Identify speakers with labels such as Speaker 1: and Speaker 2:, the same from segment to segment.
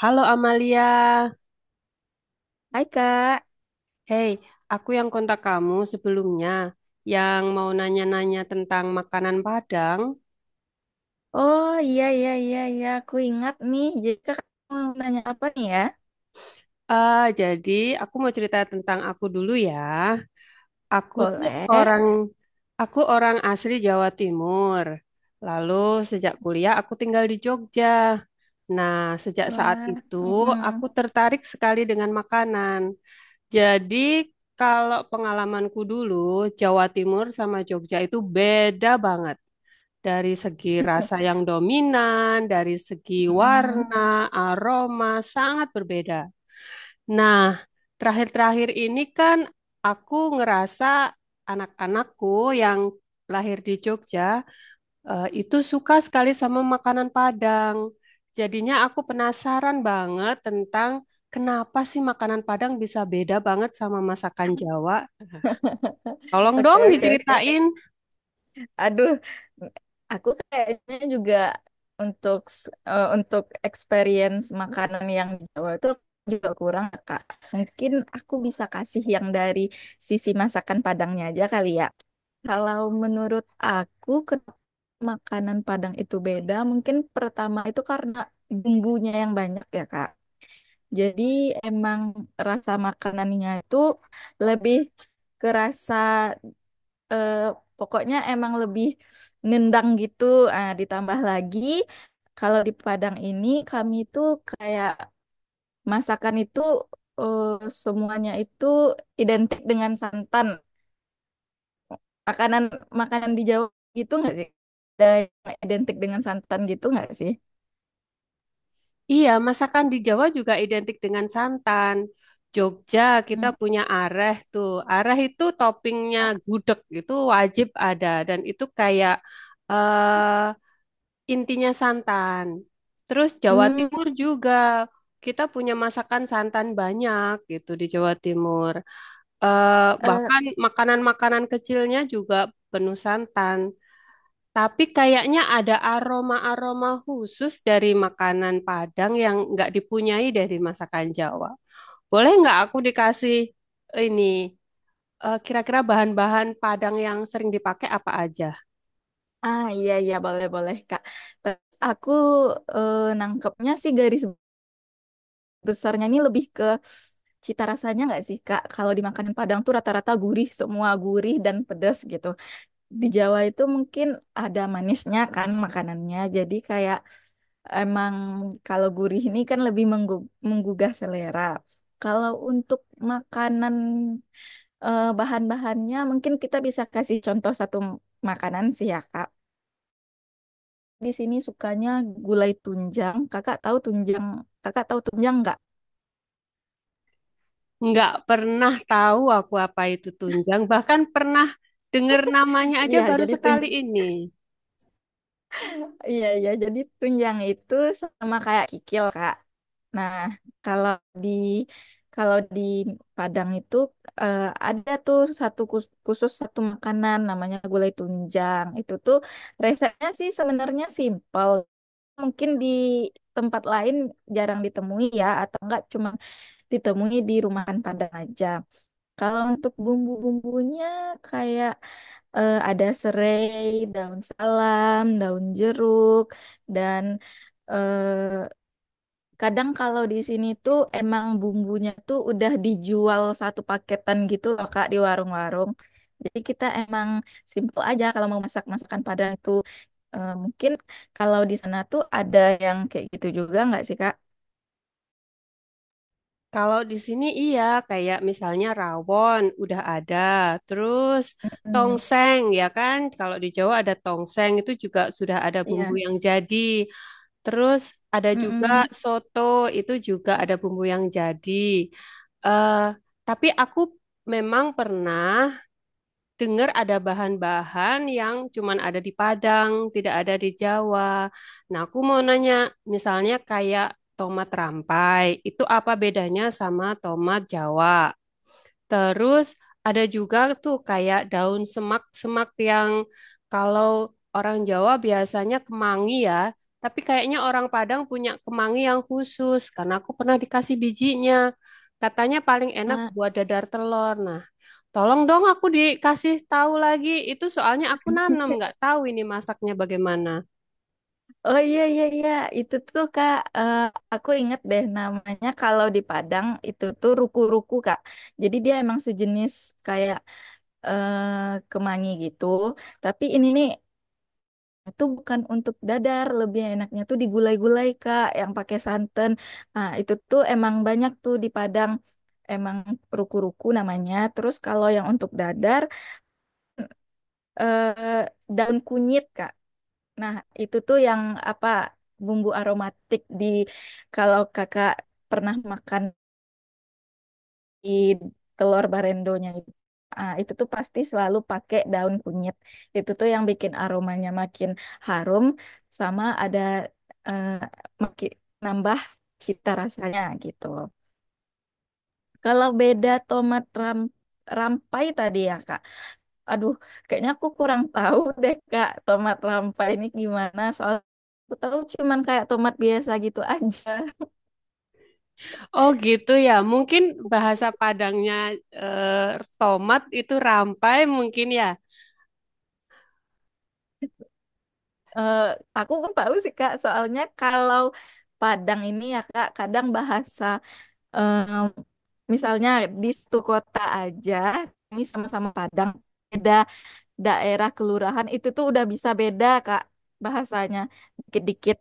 Speaker 1: Halo Amalia,
Speaker 2: Hai Kak.
Speaker 1: hey, aku yang kontak kamu sebelumnya yang mau nanya-nanya tentang makanan Padang.
Speaker 2: Oh iya iya iya iya aku ingat nih. Jadi Kak mau nanya apa nih ya?
Speaker 1: Jadi aku mau cerita tentang aku dulu ya. Aku tuh
Speaker 2: Boleh.
Speaker 1: orang, aku orang asli Jawa Timur. Lalu sejak kuliah aku tinggal di Jogja. Nah, sejak saat
Speaker 2: Wah,
Speaker 1: itu
Speaker 2: mm-mm,
Speaker 1: aku tertarik sekali dengan makanan. Jadi kalau pengalamanku dulu, Jawa Timur sama Jogja itu beda banget. Dari segi rasa yang dominan, dari segi
Speaker 2: mm-mm.
Speaker 1: warna, aroma, sangat berbeda. Nah, terakhir-terakhir ini kan aku ngerasa anak-anakku yang lahir di Jogja itu suka sekali sama makanan Padang. Jadinya aku penasaran banget tentang kenapa sih makanan Padang bisa beda banget sama masakan Jawa. Tolong
Speaker 2: Oke
Speaker 1: dong
Speaker 2: oke oke.
Speaker 1: diceritain.
Speaker 2: Aduh, aku kayaknya juga untuk experience makanan yang di Jawa itu juga kurang, Kak. Mungkin aku bisa kasih yang dari sisi masakan Padangnya aja kali ya. Kalau menurut aku, kenapa makanan Padang itu beda? Mungkin pertama itu karena bumbunya yang banyak ya, Kak. Jadi emang rasa makanannya itu lebih kerasa eh, pokoknya emang lebih nendang gitu. Ah, ditambah lagi kalau di Padang ini kami itu kayak masakan itu eh, semuanya itu identik dengan santan. Makanan makanan di Jawa gitu nggak sih? Ada yang identik dengan santan gitu nggak sih?
Speaker 1: Iya, masakan di Jawa juga identik dengan santan. Jogja kita
Speaker 2: Hmm.
Speaker 1: punya areh tuh. Areh itu toppingnya
Speaker 2: Ah,
Speaker 1: gudeg itu wajib ada dan itu eh, intinya santan. Terus Jawa Timur
Speaker 2: hmm,
Speaker 1: juga kita punya masakan santan banyak gitu di Jawa Timur. Eh,
Speaker 2: eh,
Speaker 1: bahkan makanan-makanan kecilnya juga penuh santan. Tapi kayaknya ada aroma-aroma khusus dari makanan Padang yang nggak dipunyai dari masakan Jawa. Boleh nggak aku dikasih ini kira-kira bahan-bahan Padang yang sering dipakai apa aja?
Speaker 2: ah, iya iya boleh boleh Kak. Tapi Aku nangkepnya sih garis besarnya ini lebih ke cita rasanya nggak sih Kak? Kalau di makanan Padang tuh rata-rata gurih, semua gurih dan pedas gitu. Di Jawa itu mungkin ada manisnya kan makanannya. Jadi kayak emang kalau gurih ini kan lebih menggugah selera. Kalau untuk makanan bahan-bahannya mungkin kita bisa kasih contoh satu makanan sih ya Kak. Di sini sukanya gulai tunjang. Kakak tahu tunjang? Kakak tahu tunjang nggak?
Speaker 1: Nggak pernah tahu aku apa itu tunjang, bahkan pernah dengar namanya aja
Speaker 2: Iya,
Speaker 1: baru
Speaker 2: jadi tunjang
Speaker 1: sekali ini.
Speaker 2: Iya, iya. Jadi tunjang itu sama kayak kikil, Kak. Nah, kalau di kalau di Padang itu eh, ada tuh satu khusus satu makanan namanya gulai tunjang. Itu tuh resepnya sih sebenarnya simpel. Mungkin di tempat lain jarang ditemui ya, atau enggak cuma ditemui di rumahan Padang aja. Kalau untuk bumbu-bumbunya kayak ada serai, daun salam, daun jeruk, dan eh, kadang kalau di sini tuh emang bumbunya tuh udah dijual satu paketan gitu loh Kak di warung-warung. Jadi kita emang simple aja kalau mau masak masakan Padang itu. Mungkin kalau di sana tuh ada yang kayak gitu juga nggak sih Kak?
Speaker 1: Kalau di sini iya, kayak misalnya rawon udah ada, terus
Speaker 2: Mm-mm.
Speaker 1: tongseng ya kan? Kalau di Jawa ada tongseng itu juga sudah ada bumbu
Speaker 2: Iya.
Speaker 1: yang jadi. Terus ada juga
Speaker 2: Mm-mm.
Speaker 1: soto itu juga ada bumbu yang jadi. eh tapi aku memang pernah dengar ada bahan-bahan yang cuman ada di Padang, tidak ada di Jawa. Nah, aku mau nanya, misalnya kayak tomat rampai, itu apa bedanya sama tomat Jawa? Terus ada juga tuh kayak daun semak-semak yang kalau orang Jawa biasanya kemangi ya, tapi kayaknya orang Padang punya kemangi yang khusus karena aku pernah dikasih bijinya. Katanya paling enak
Speaker 2: Ah,
Speaker 1: buat dadar telur. Nah, tolong dong aku dikasih tahu lagi. Itu soalnya aku nanam, nggak tahu ini masaknya bagaimana.
Speaker 2: oh iya iya iya, itu tuh Kak, aku inget deh namanya kalau di Padang itu tuh ruku-ruku Kak. Jadi dia emang sejenis kayak kemangi gitu. Tapi ini nih itu bukan untuk dadar, lebih enaknya tuh digulai-gulai Kak yang pakai santan. Nah, itu tuh emang banyak tuh di Padang. Emang ruku-ruku namanya. Terus kalau yang untuk dadar eh, daun kunyit Kak. Nah, itu tuh yang apa bumbu aromatik di kalau kakak pernah makan di telur barendonya itu. Ah, itu tuh pasti selalu pakai daun kunyit. Itu tuh yang bikin aromanya makin harum sama ada eh, maki- nambah cita rasanya gitu. Kalau beda tomat rampai tadi ya, Kak. Aduh, kayaknya aku kurang tahu deh Kak, tomat rampai ini gimana. Soal aku tahu cuman kayak tomat biasa gitu aja.
Speaker 1: Oh gitu ya, mungkin bahasa Padangnya eh, tomat itu rampai mungkin ya.
Speaker 2: Eh, aku nggak tahu sih Kak, soalnya kalau Padang ini ya Kak, kadang bahasa misalnya di satu kota aja, ini sama-sama Padang, beda daerah kelurahan itu tuh udah bisa beda Kak bahasanya dikit-dikit.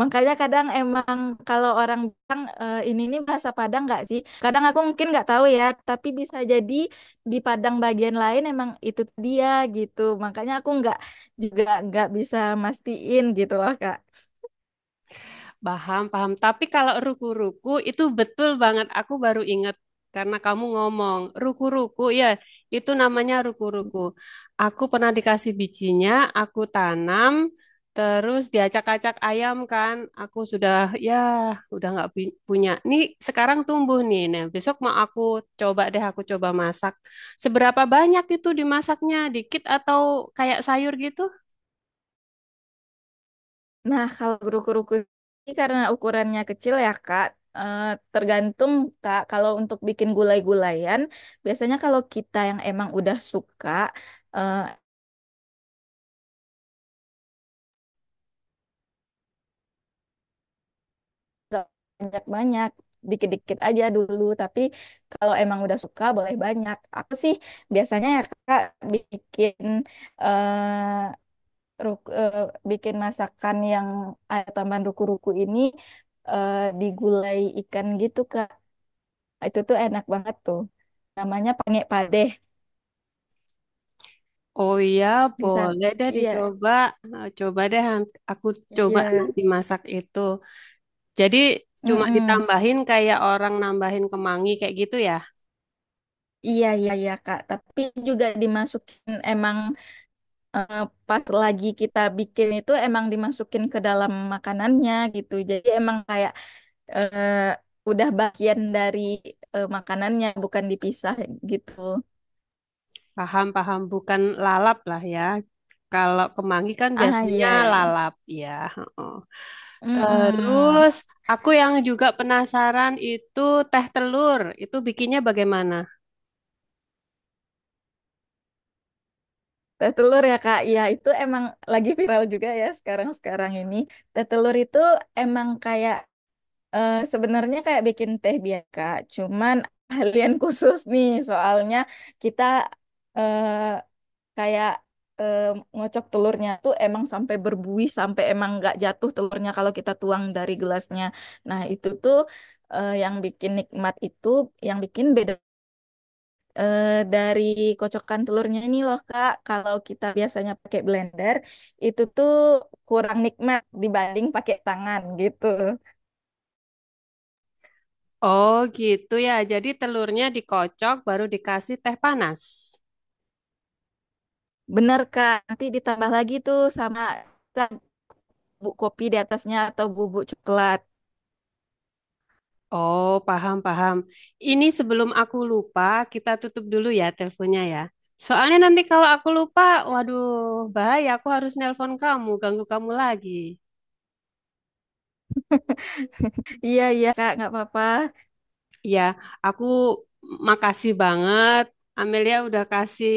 Speaker 2: Makanya kadang emang kalau orang bilang, "Eh, ini nih bahasa Padang nggak sih?" Kadang aku mungkin nggak tahu ya, tapi bisa jadi di Padang bagian lain emang itu dia gitu. Makanya aku nggak juga nggak bisa mastiin gitu loh Kak.
Speaker 1: Paham, paham. Tapi kalau ruku-ruku itu betul banget. Aku baru ingat karena kamu ngomong ruku-ruku ya, itu namanya ruku-ruku. Aku pernah dikasih bijinya, aku tanam, terus diacak-acak ayam kan. Aku sudah ya udah nggak punya. Nih sekarang tumbuh nih. Nah, besok mau aku coba masak. Seberapa banyak itu dimasaknya? Dikit atau kayak sayur gitu?
Speaker 2: Nah kalau guru-guruku ini karena ukurannya kecil ya Kak, eh, tergantung Kak. Kalau untuk bikin gulai-gulayan, biasanya kalau kita yang emang udah suka eh, gak banyak-banyak dikit-dikit aja dulu tapi kalau emang udah suka boleh banyak aku sih biasanya ya kak bikin eh, ruk- eh, bikin masakan yang ada tambahan ruku-ruku ini di gulai ikan gitu kak itu tuh enak banget tuh namanya pangek padeh
Speaker 1: Oh iya,
Speaker 2: di sana.
Speaker 1: boleh deh
Speaker 2: Iya,
Speaker 1: dicoba. Nah, coba deh aku coba
Speaker 2: iya.
Speaker 1: nanti masak itu. Jadi cuma
Speaker 2: Mm-mm.
Speaker 1: ditambahin kayak orang nambahin kemangi kayak gitu ya.
Speaker 2: Iya, iya, iya, Kak. Tapi juga dimasukin emang eh, pas lagi kita bikin itu emang dimasukin ke dalam makanannya gitu. Jadi emang kayak eh, udah bagian dari makanannya bukan dipisah gitu.
Speaker 1: Paham, paham. Bukan lalap lah ya. Kalau kemangi kan
Speaker 2: Ah
Speaker 1: biasanya
Speaker 2: iya iya.
Speaker 1: lalap ya. Heeh.
Speaker 2: Mm-mm.
Speaker 1: Terus aku yang juga penasaran itu teh telur. Itu bikinnya bagaimana?
Speaker 2: Teh telur ya Kak, ya itu emang lagi viral juga ya sekarang-sekarang ini. Teh telur itu emang kayak sebenarnya kayak bikin teh biasa, Kak. Cuman ahlian khusus nih soalnya kita eh, kayak eh, ngocok telurnya tuh emang sampai berbuih sampai emang nggak jatuh telurnya kalau kita tuang dari gelasnya. Nah, itu tuh yang bikin nikmat itu yang bikin beda dari kocokan telurnya ini loh Kak. Kalau kita biasanya pakai blender itu tuh kurang nikmat dibanding pakai tangan gitu.
Speaker 1: Oh gitu ya. Jadi telurnya dikocok baru dikasih teh panas.
Speaker 2: Bener Kak, nanti ditambah lagi tuh sama kita bubuk kopi di atasnya atau bubuk coklat.
Speaker 1: Oh, paham, paham. Ini sebelum aku lupa, kita tutup dulu ya teleponnya ya. Soalnya nanti kalau aku lupa, waduh, bahaya. Aku harus nelpon kamu, ganggu kamu lagi.
Speaker 2: Iya iya Kak, nggak apa-apa.
Speaker 1: Ya, aku makasih banget. Amelia udah kasih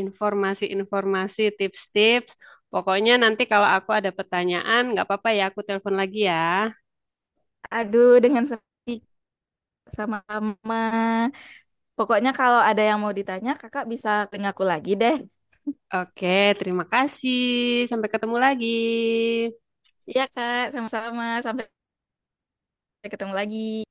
Speaker 1: informasi-informasi, tips-tips. Pokoknya nanti kalau aku ada pertanyaan, nggak apa-apa ya, aku telepon lagi ya.
Speaker 2: Aduh, dengan senang hati. Sama-sama. Pokoknya kalau ada yang mau ditanya, kakak bisa tanya aku lagi deh.
Speaker 1: Oke, terima kasih. Sampai ketemu lagi.
Speaker 2: Iya, Kak. Sama-sama. Sampai ketemu lagi.